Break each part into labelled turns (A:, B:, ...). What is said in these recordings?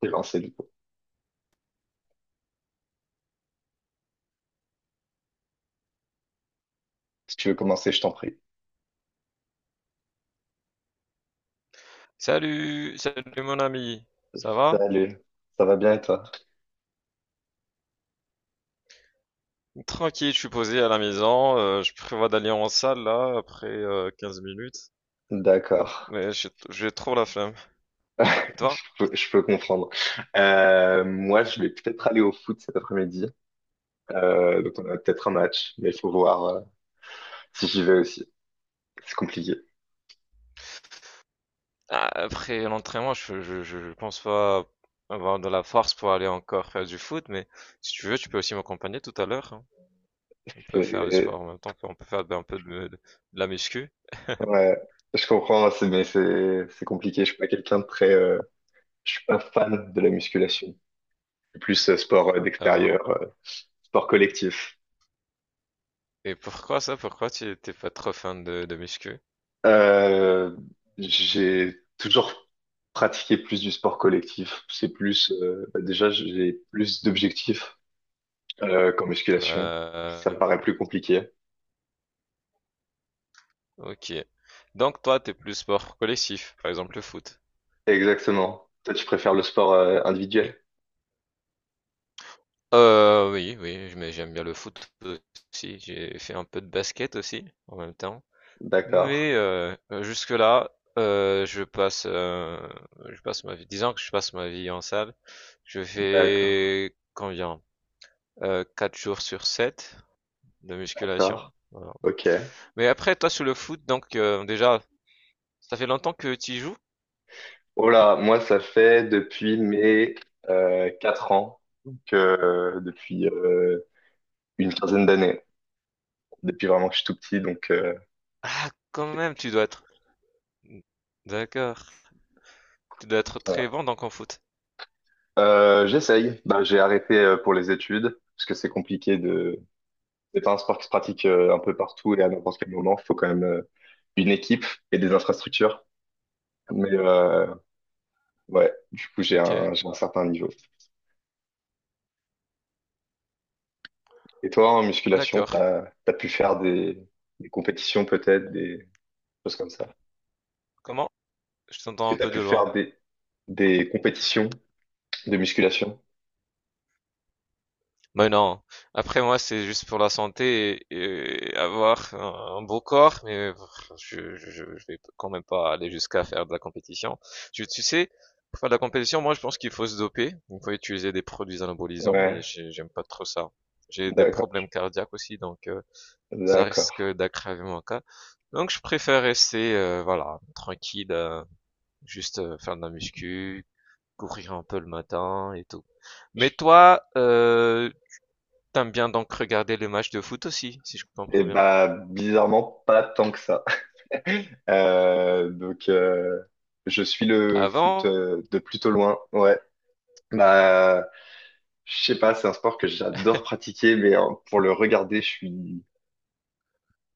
A: T'es lancé du coup. Si tu veux commencer, je t'en prie.
B: Salut, salut mon ami, ça va?
A: Salut, ça va bien et toi?
B: Tranquille, je suis posé à la maison, je prévois d'aller en salle là après 15 minutes,
A: D'accord.
B: mais j'ai trop la flemme.
A: je
B: Et toi?
A: je peux comprendre. Moi, je vais peut-être aller au foot cet après-midi. Donc, on a peut-être un match, mais il faut voir si j'y vais aussi. C'est compliqué.
B: Ah, après l'entraînement, je pense pas avoir de la force pour aller encore faire du foot, mais si tu veux, tu peux aussi m'accompagner tout à l'heure, hein. On peut faire du
A: C'est-
B: sport en même temps, on peut faire un peu de la muscu
A: Ouais, je comprends, mais c'est compliqué. Je suis pas quelqu'un de très. Je suis pas fan de la musculation. Je suis plus sport d'extérieur,
B: avant.
A: sport collectif.
B: Et pourquoi ça? Pourquoi tu t'es pas trop fan de muscu?
A: Euh, j'ai toujours pratiqué plus du sport collectif. C'est plus, bah déjà, j'ai plus d'objectifs qu'en musculation.
B: Euh,
A: Ça me paraît plus compliqué.
B: Ok. Donc toi, t'es plus sport collectif, par exemple le foot.
A: Exactement. Toi, tu préfères le sport
B: Oui.
A: individuel?
B: Oui, oui, mais j'aime bien le foot aussi. J'ai fait un peu de basket aussi en même temps.
A: D'accord,
B: Mais jusque-là, euh, je passe, euh, je passe ma vie. Disons que je passe ma vie en salle. Je
A: d'accord,
B: fais combien? 4 jours sur 7 de musculation.
A: d'accord.
B: Voilà.
A: Ok.
B: Mais après, toi sur le foot, donc déjà, ça fait longtemps que tu y joues?
A: Oh là, moi, ça fait depuis mes 4 ans, donc depuis une quinzaine d'années, depuis vraiment que je suis tout petit, donc euh.
B: Ah, quand même, tu dois être. D'accord. Tu dois être très bon donc en foot.
A: J'essaye. Ben, j'ai arrêté pour les études parce que c'est compliqué de. C'est pas un sport qui se pratique un peu partout et à n'importe quel moment. Il faut quand même une équipe et des infrastructures. Mais ouais, du coup j'ai
B: Ok,
A: un j'ai un certain niveau. Et toi en musculation,
B: d'accord.
A: t'as pu faire des compétitions peut-être des choses comme ça.
B: Comment? Je
A: Est-ce
B: t'entends
A: que
B: un
A: t'as
B: peu
A: pu
B: de loin.
A: faire des compétitions de musculation?
B: Mais non. Après moi, c'est juste pour la santé et avoir un beau corps, mais je vais quand même pas aller jusqu'à faire de la compétition. Tu sais, pour faire de la compétition, moi je pense qu'il faut se doper, il faut utiliser des produits anabolisants et
A: Ouais,
B: j'aime pas trop ça. J'ai des
A: d'accord,
B: problèmes cardiaques aussi, donc ça
A: d'accord.
B: risque d'aggraver mon cas. Donc je préfère rester, voilà, tranquille, juste faire de la muscu, courir un peu le matin et tout.
A: Je-
B: Mais toi, t'aimes bien donc regarder les matchs de foot aussi, si je
A: Et
B: comprends bien.
A: bah bizarrement pas tant que ça. Euh, donc, euh, je suis le foot
B: Avant?
A: de plutôt loin. Ouais. Bah, je sais pas, c'est un sport que j'adore pratiquer, mais hein, pour le regarder, je suis.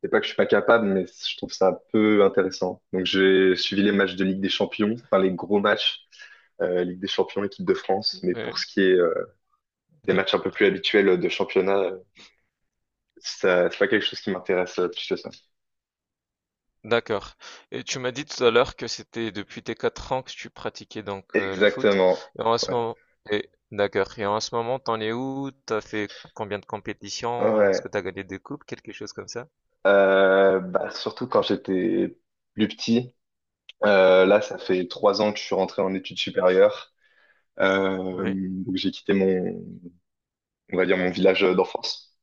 A: C'est pas que je suis pas capable, mais je trouve ça un peu intéressant. Donc, j'ai suivi les matchs de Ligue des Champions, enfin les gros matchs, Ligue des Champions, équipe de France. Mais pour
B: Ouais,
A: ce qui est des matchs un peu
B: d'ac-
A: plus habituels de championnat, ça, c'est pas quelque chose qui m'intéresse plus que ça.
B: d'accord. Et tu m'as dit tout à l'heure que c'était depuis tes 4 ans que tu pratiquais donc le foot.
A: Exactement.
B: Et en ce
A: Ouais.
B: moment, et, d'accord. Et en ce moment, t'en es où? T'as fait combien de compétitions? Est-ce que
A: Ouais.
B: t'as gagné des coupes? Quelque chose comme ça?
A: Bah, surtout quand j'étais plus petit. Là, ça fait trois ans que je suis rentré en études supérieures.
B: Oui,
A: Donc j'ai quitté mon, on va dire mon village d'enfance.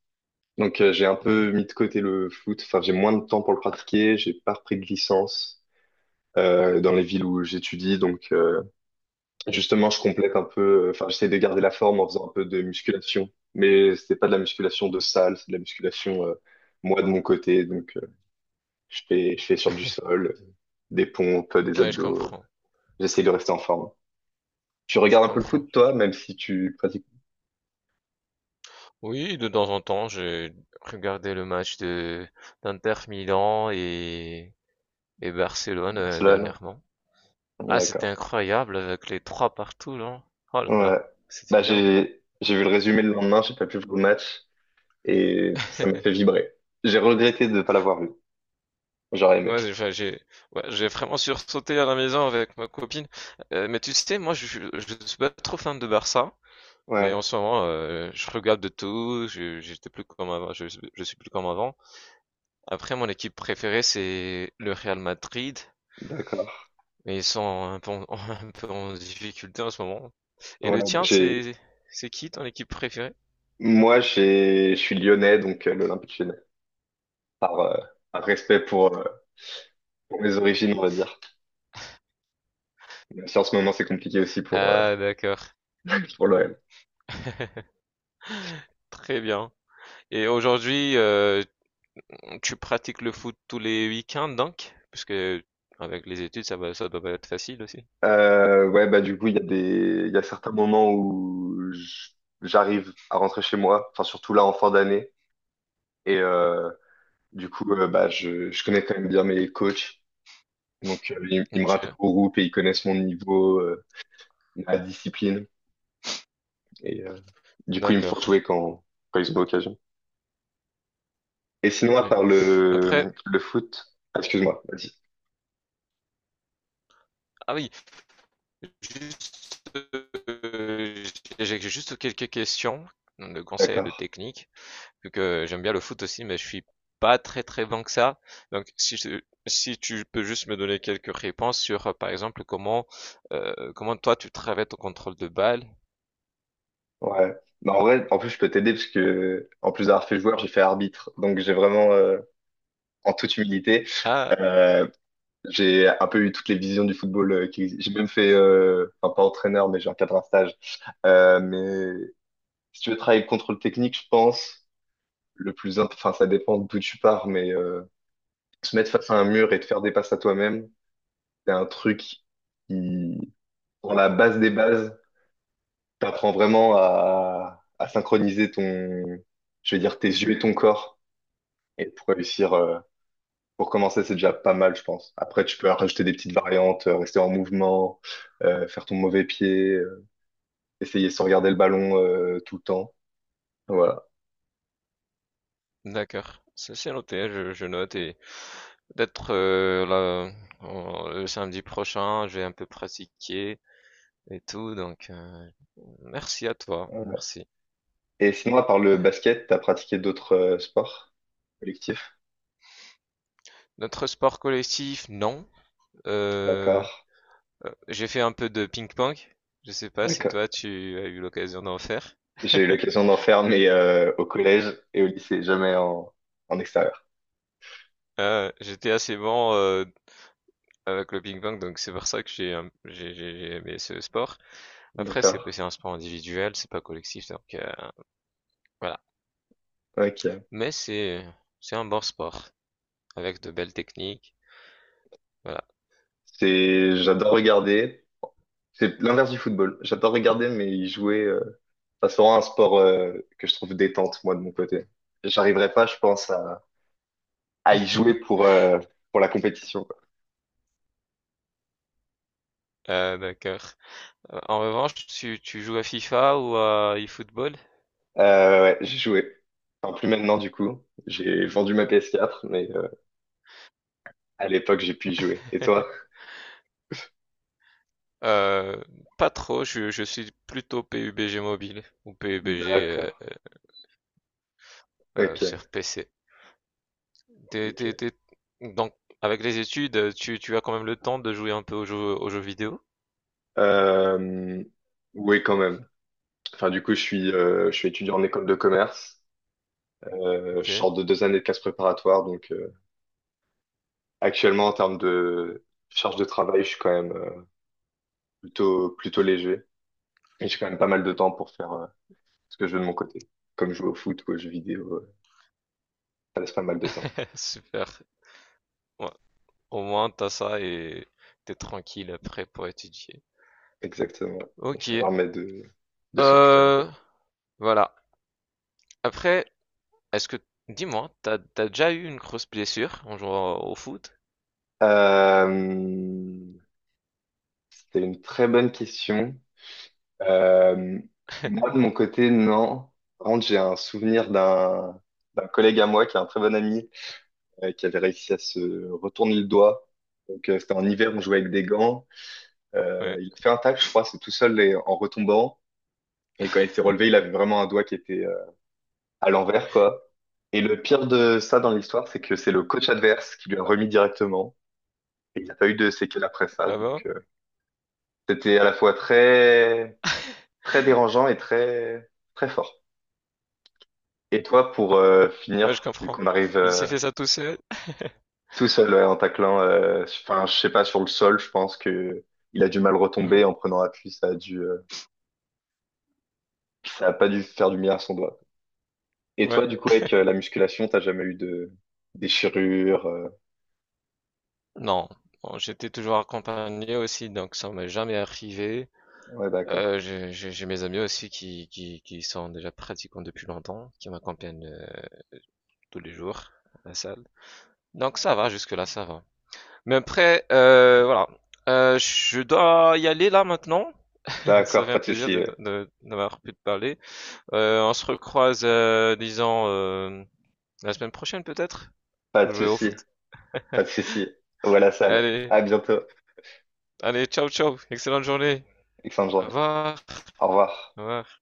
A: Donc j'ai un peu
B: oui.
A: mis de côté le foot. Enfin, j'ai moins de temps pour le pratiquer. J'ai pas repris de licence dans les villes où j'étudie. Donc justement, je complète un peu. Enfin, j'essaie de garder la forme en faisant un peu de musculation. Mais c'est pas de la musculation de salle, c'est de la musculation moi de mon côté. Donc je fais sur du sol. Des pompes, des
B: Ouais, je
A: abdos.
B: comprends.
A: J'essaye de rester en forme. Tu
B: Je
A: regardes un peu le
B: comprends.
A: foot, toi, même si tu pratiques.
B: Oui, de temps en temps, j'ai regardé le match de d'Inter Milan et Barcelone
A: Barcelone?
B: dernièrement. Ah, c'était
A: D'accord.
B: incroyable avec les trois partout, là. Oh là
A: Ouais.
B: là, c'était
A: Bah,
B: bien.
A: j'ai, j'ai vu le résumé le lendemain, j'ai pas pu voir le match et ça m'a fait vibrer. J'ai regretté de ne pas l'avoir vu. J'aurais aimé.
B: Ouais, j'ai, enfin, j'ai, ouais, j'ai vraiment sursauté à la maison avec ma copine. Mais tu sais, moi, je suis pas trop fan de Barça, mais en
A: Ouais,
B: ce moment, je regarde de tout. J'étais plus comme avant, je suis plus comme avant. Après, mon équipe préférée, c'est le Real Madrid.
A: d'accord.
B: Mais ils sont un peu en un peu en difficulté en ce moment. Et
A: Ouais,
B: le
A: bah,
B: tien,
A: j'ai,
B: c'est qui ton équipe préférée?
A: moi, j'ai, je suis lyonnais, donc l'Olympique lyonnais. Par, euh, par respect pour mes origines, on va dire. Même si en ce moment, c'est compliqué aussi
B: Ah d'accord,
A: pour l'OL.
B: très bien. Et aujourd'hui, tu pratiques le foot tous les week-ends donc? Parce que avec les études, ça va, ça doit pas être facile aussi.
A: Ouais, bah du coup, il y a certains moments où j'arrive à rentrer chez moi, enfin surtout là en fin d'année, et bah je connais quand même bien mes coachs, donc ils me rattachent
B: Ok,
A: au groupe et ils connaissent mon niveau, ma discipline, et du coup, ils me font jouer
B: d'accord.
A: quand, quand ils ont l'occasion. Et sinon, à
B: Oui.
A: part
B: Après,
A: le foot, ah, excuse-moi, vas-y.
B: ah oui, juste, j'ai juste quelques questions de conseils et de
A: D'accord.
B: techniques. Vu que j'aime bien le foot aussi, mais je suis pas très très bon que ça. Donc si je- Si tu peux juste me donner quelques réponses sur, par exemple, comment comment toi tu travailles ton contrôle de balle.
A: Ouais. Bah, en vrai, en plus, je peux t'aider parce que en plus d'avoir fait joueur, j'ai fait arbitre, donc j'ai vraiment, en toute humilité.
B: Ah,
A: Euh, J'ai un peu eu toutes les visions du football, existent. J'ai même fait, enfin pas entraîneur, mais j'ai encadré un stage. Mais si tu veux travailler contre le contrôle technique, je pense, enfin ça dépend d'où tu pars, mais se mettre face à un mur et te faire des passes à toi-même, c'est un truc qui, dans la base des bases, t'apprends vraiment à synchroniser ton, je vais dire, tes yeux et ton corps, et pour réussir. Pour commencer, c'est déjà pas mal, je pense. Après, tu peux rajouter des petites variantes, rester en mouvement, faire ton mauvais pied, essayer sans regarder le ballon tout le temps. Voilà.
B: d'accord. Ça c'est noté, je note et peut-être là, le samedi prochain, je vais un peu pratiquer et tout. Donc merci à toi,
A: Voilà.
B: merci.
A: Et sinon, à part le basket, t'as pratiqué d'autres sports collectifs?
B: Notre sport collectif, non. Euh,
A: D'accord.
B: J'ai fait un peu de ping-pong. Je sais pas si
A: D'accord.
B: toi tu as eu l'occasion d'en faire.
A: J'ai eu l'occasion d'en faire, mais au collège et au lycée, jamais en extérieur.
B: J'étais assez bon avec le ping-pong, donc c'est pour ça que j'ai un- j'ai aimé ce sport. Après,
A: D'accord.
B: c'est un sport individuel, c'est pas collectif, donc voilà.
A: Ok.
B: Mais c'est un bon sport avec de belles techniques. Voilà.
A: C'est, j'adore regarder. C'est l'inverse du football. J'adore regarder, mais y jouer, euh. Ça sera un sport que je trouve détente, moi, de mon côté. J'arriverai pas, je pense, à y jouer pour la compétition, quoi.
B: Euh, d'accord. En revanche, tu joues à FIFA ou à eFootball?
A: Ouais, j'ai joué. Enfin, plus maintenant, du coup. J'ai vendu ma PS4, mais à l'époque, j'ai pu y jouer. Et toi?
B: Euh, Pas trop, je suis plutôt PUBG mobile ou PUBG
A: D'accord.
B: sur
A: Ok,
B: PC. T'es- t'es-
A: ok.
B: t'es- Donc, avec les études, tu as quand même le temps de jouer un peu aux jeux vidéo.
A: Euh, oui, quand même. Enfin, du coup, je suis étudiant en école de commerce.
B: Ok,
A: Je sors de deux années de classe préparatoire, donc actuellement, en termes de charge de travail, je suis quand même plutôt, plutôt léger. Et j'ai quand même pas mal de temps pour faire, ce que je veux de mon côté. Comme jouer au foot ou aux jeux vidéo, ça laisse pas mal de temps.
B: super. Ouais. Au moins, t'as ça et t'es tranquille après pour étudier.
A: Exactement. Et ça
B: Ok,
A: permet de s'occuper un peu.
B: euh, voilà. Après, est-ce que, dis-moi, t'as déjà eu une grosse blessure en jouant au foot?
A: Euh, C'était une très bonne question. Euh, Moi, de mon côté, non. Par contre, j'ai un souvenir d'un collègue à moi qui est un très bon ami, qui avait réussi à se retourner le doigt. Donc, c'était en hiver, on jouait avec des gants.
B: Ouais.
A: Il a fait un tacle, je crois, c'est tout seul et en retombant. Et quand il s'est relevé, il avait vraiment un doigt qui était à l'envers, quoi. Et le pire de ça dans l'histoire, c'est que c'est le coach adverse qui lui a remis directement. Et il n'y a pas eu de séquelles après ça.
B: Ah
A: Donc,
B: bon?
A: c'était à la fois très, très dérangeant et très, très fort. Et toi, pour
B: Ouais, je
A: finir, vu
B: comprends.
A: qu'on arrive
B: Il
A: euh.
B: s'est fait ça tout seul?
A: Tout seul ouais, en taclant, enfin, je sais pas, sur le sol, je pense que il a dû mal
B: Ouais.
A: retomber en prenant appui. Ça a dû, ça a pas dû faire du bien à son doigt. Et
B: Ouais.
A: toi, du coup, avec la musculation, t'as jamais eu de déchirure? Euh.
B: Non. Bon, j'étais toujours accompagné aussi, donc ça m'est jamais arrivé.
A: Ouais, d'accord.
B: J'ai mes amis aussi qui sont déjà pratiquants depuis longtemps, qui m'accompagnent tous les jours à la salle. Donc ça va, jusque-là, ça va. Mais après, voilà. Je dois y aller là maintenant. Ça
A: D'accord,
B: fait
A: pas
B: un
A: de
B: plaisir
A: souci. Euh.
B: d'avoir pu te parler. On se recroise, disons, la semaine prochaine peut-être,
A: Pas
B: pour
A: de
B: jouer au
A: souci,
B: foot.
A: pas de souci. Voilà la salle.
B: Allez.
A: À bientôt.
B: Allez, ciao, ciao. Excellente journée.
A: Excellente
B: Au
A: journée.
B: revoir.
A: Au revoir.
B: Au revoir.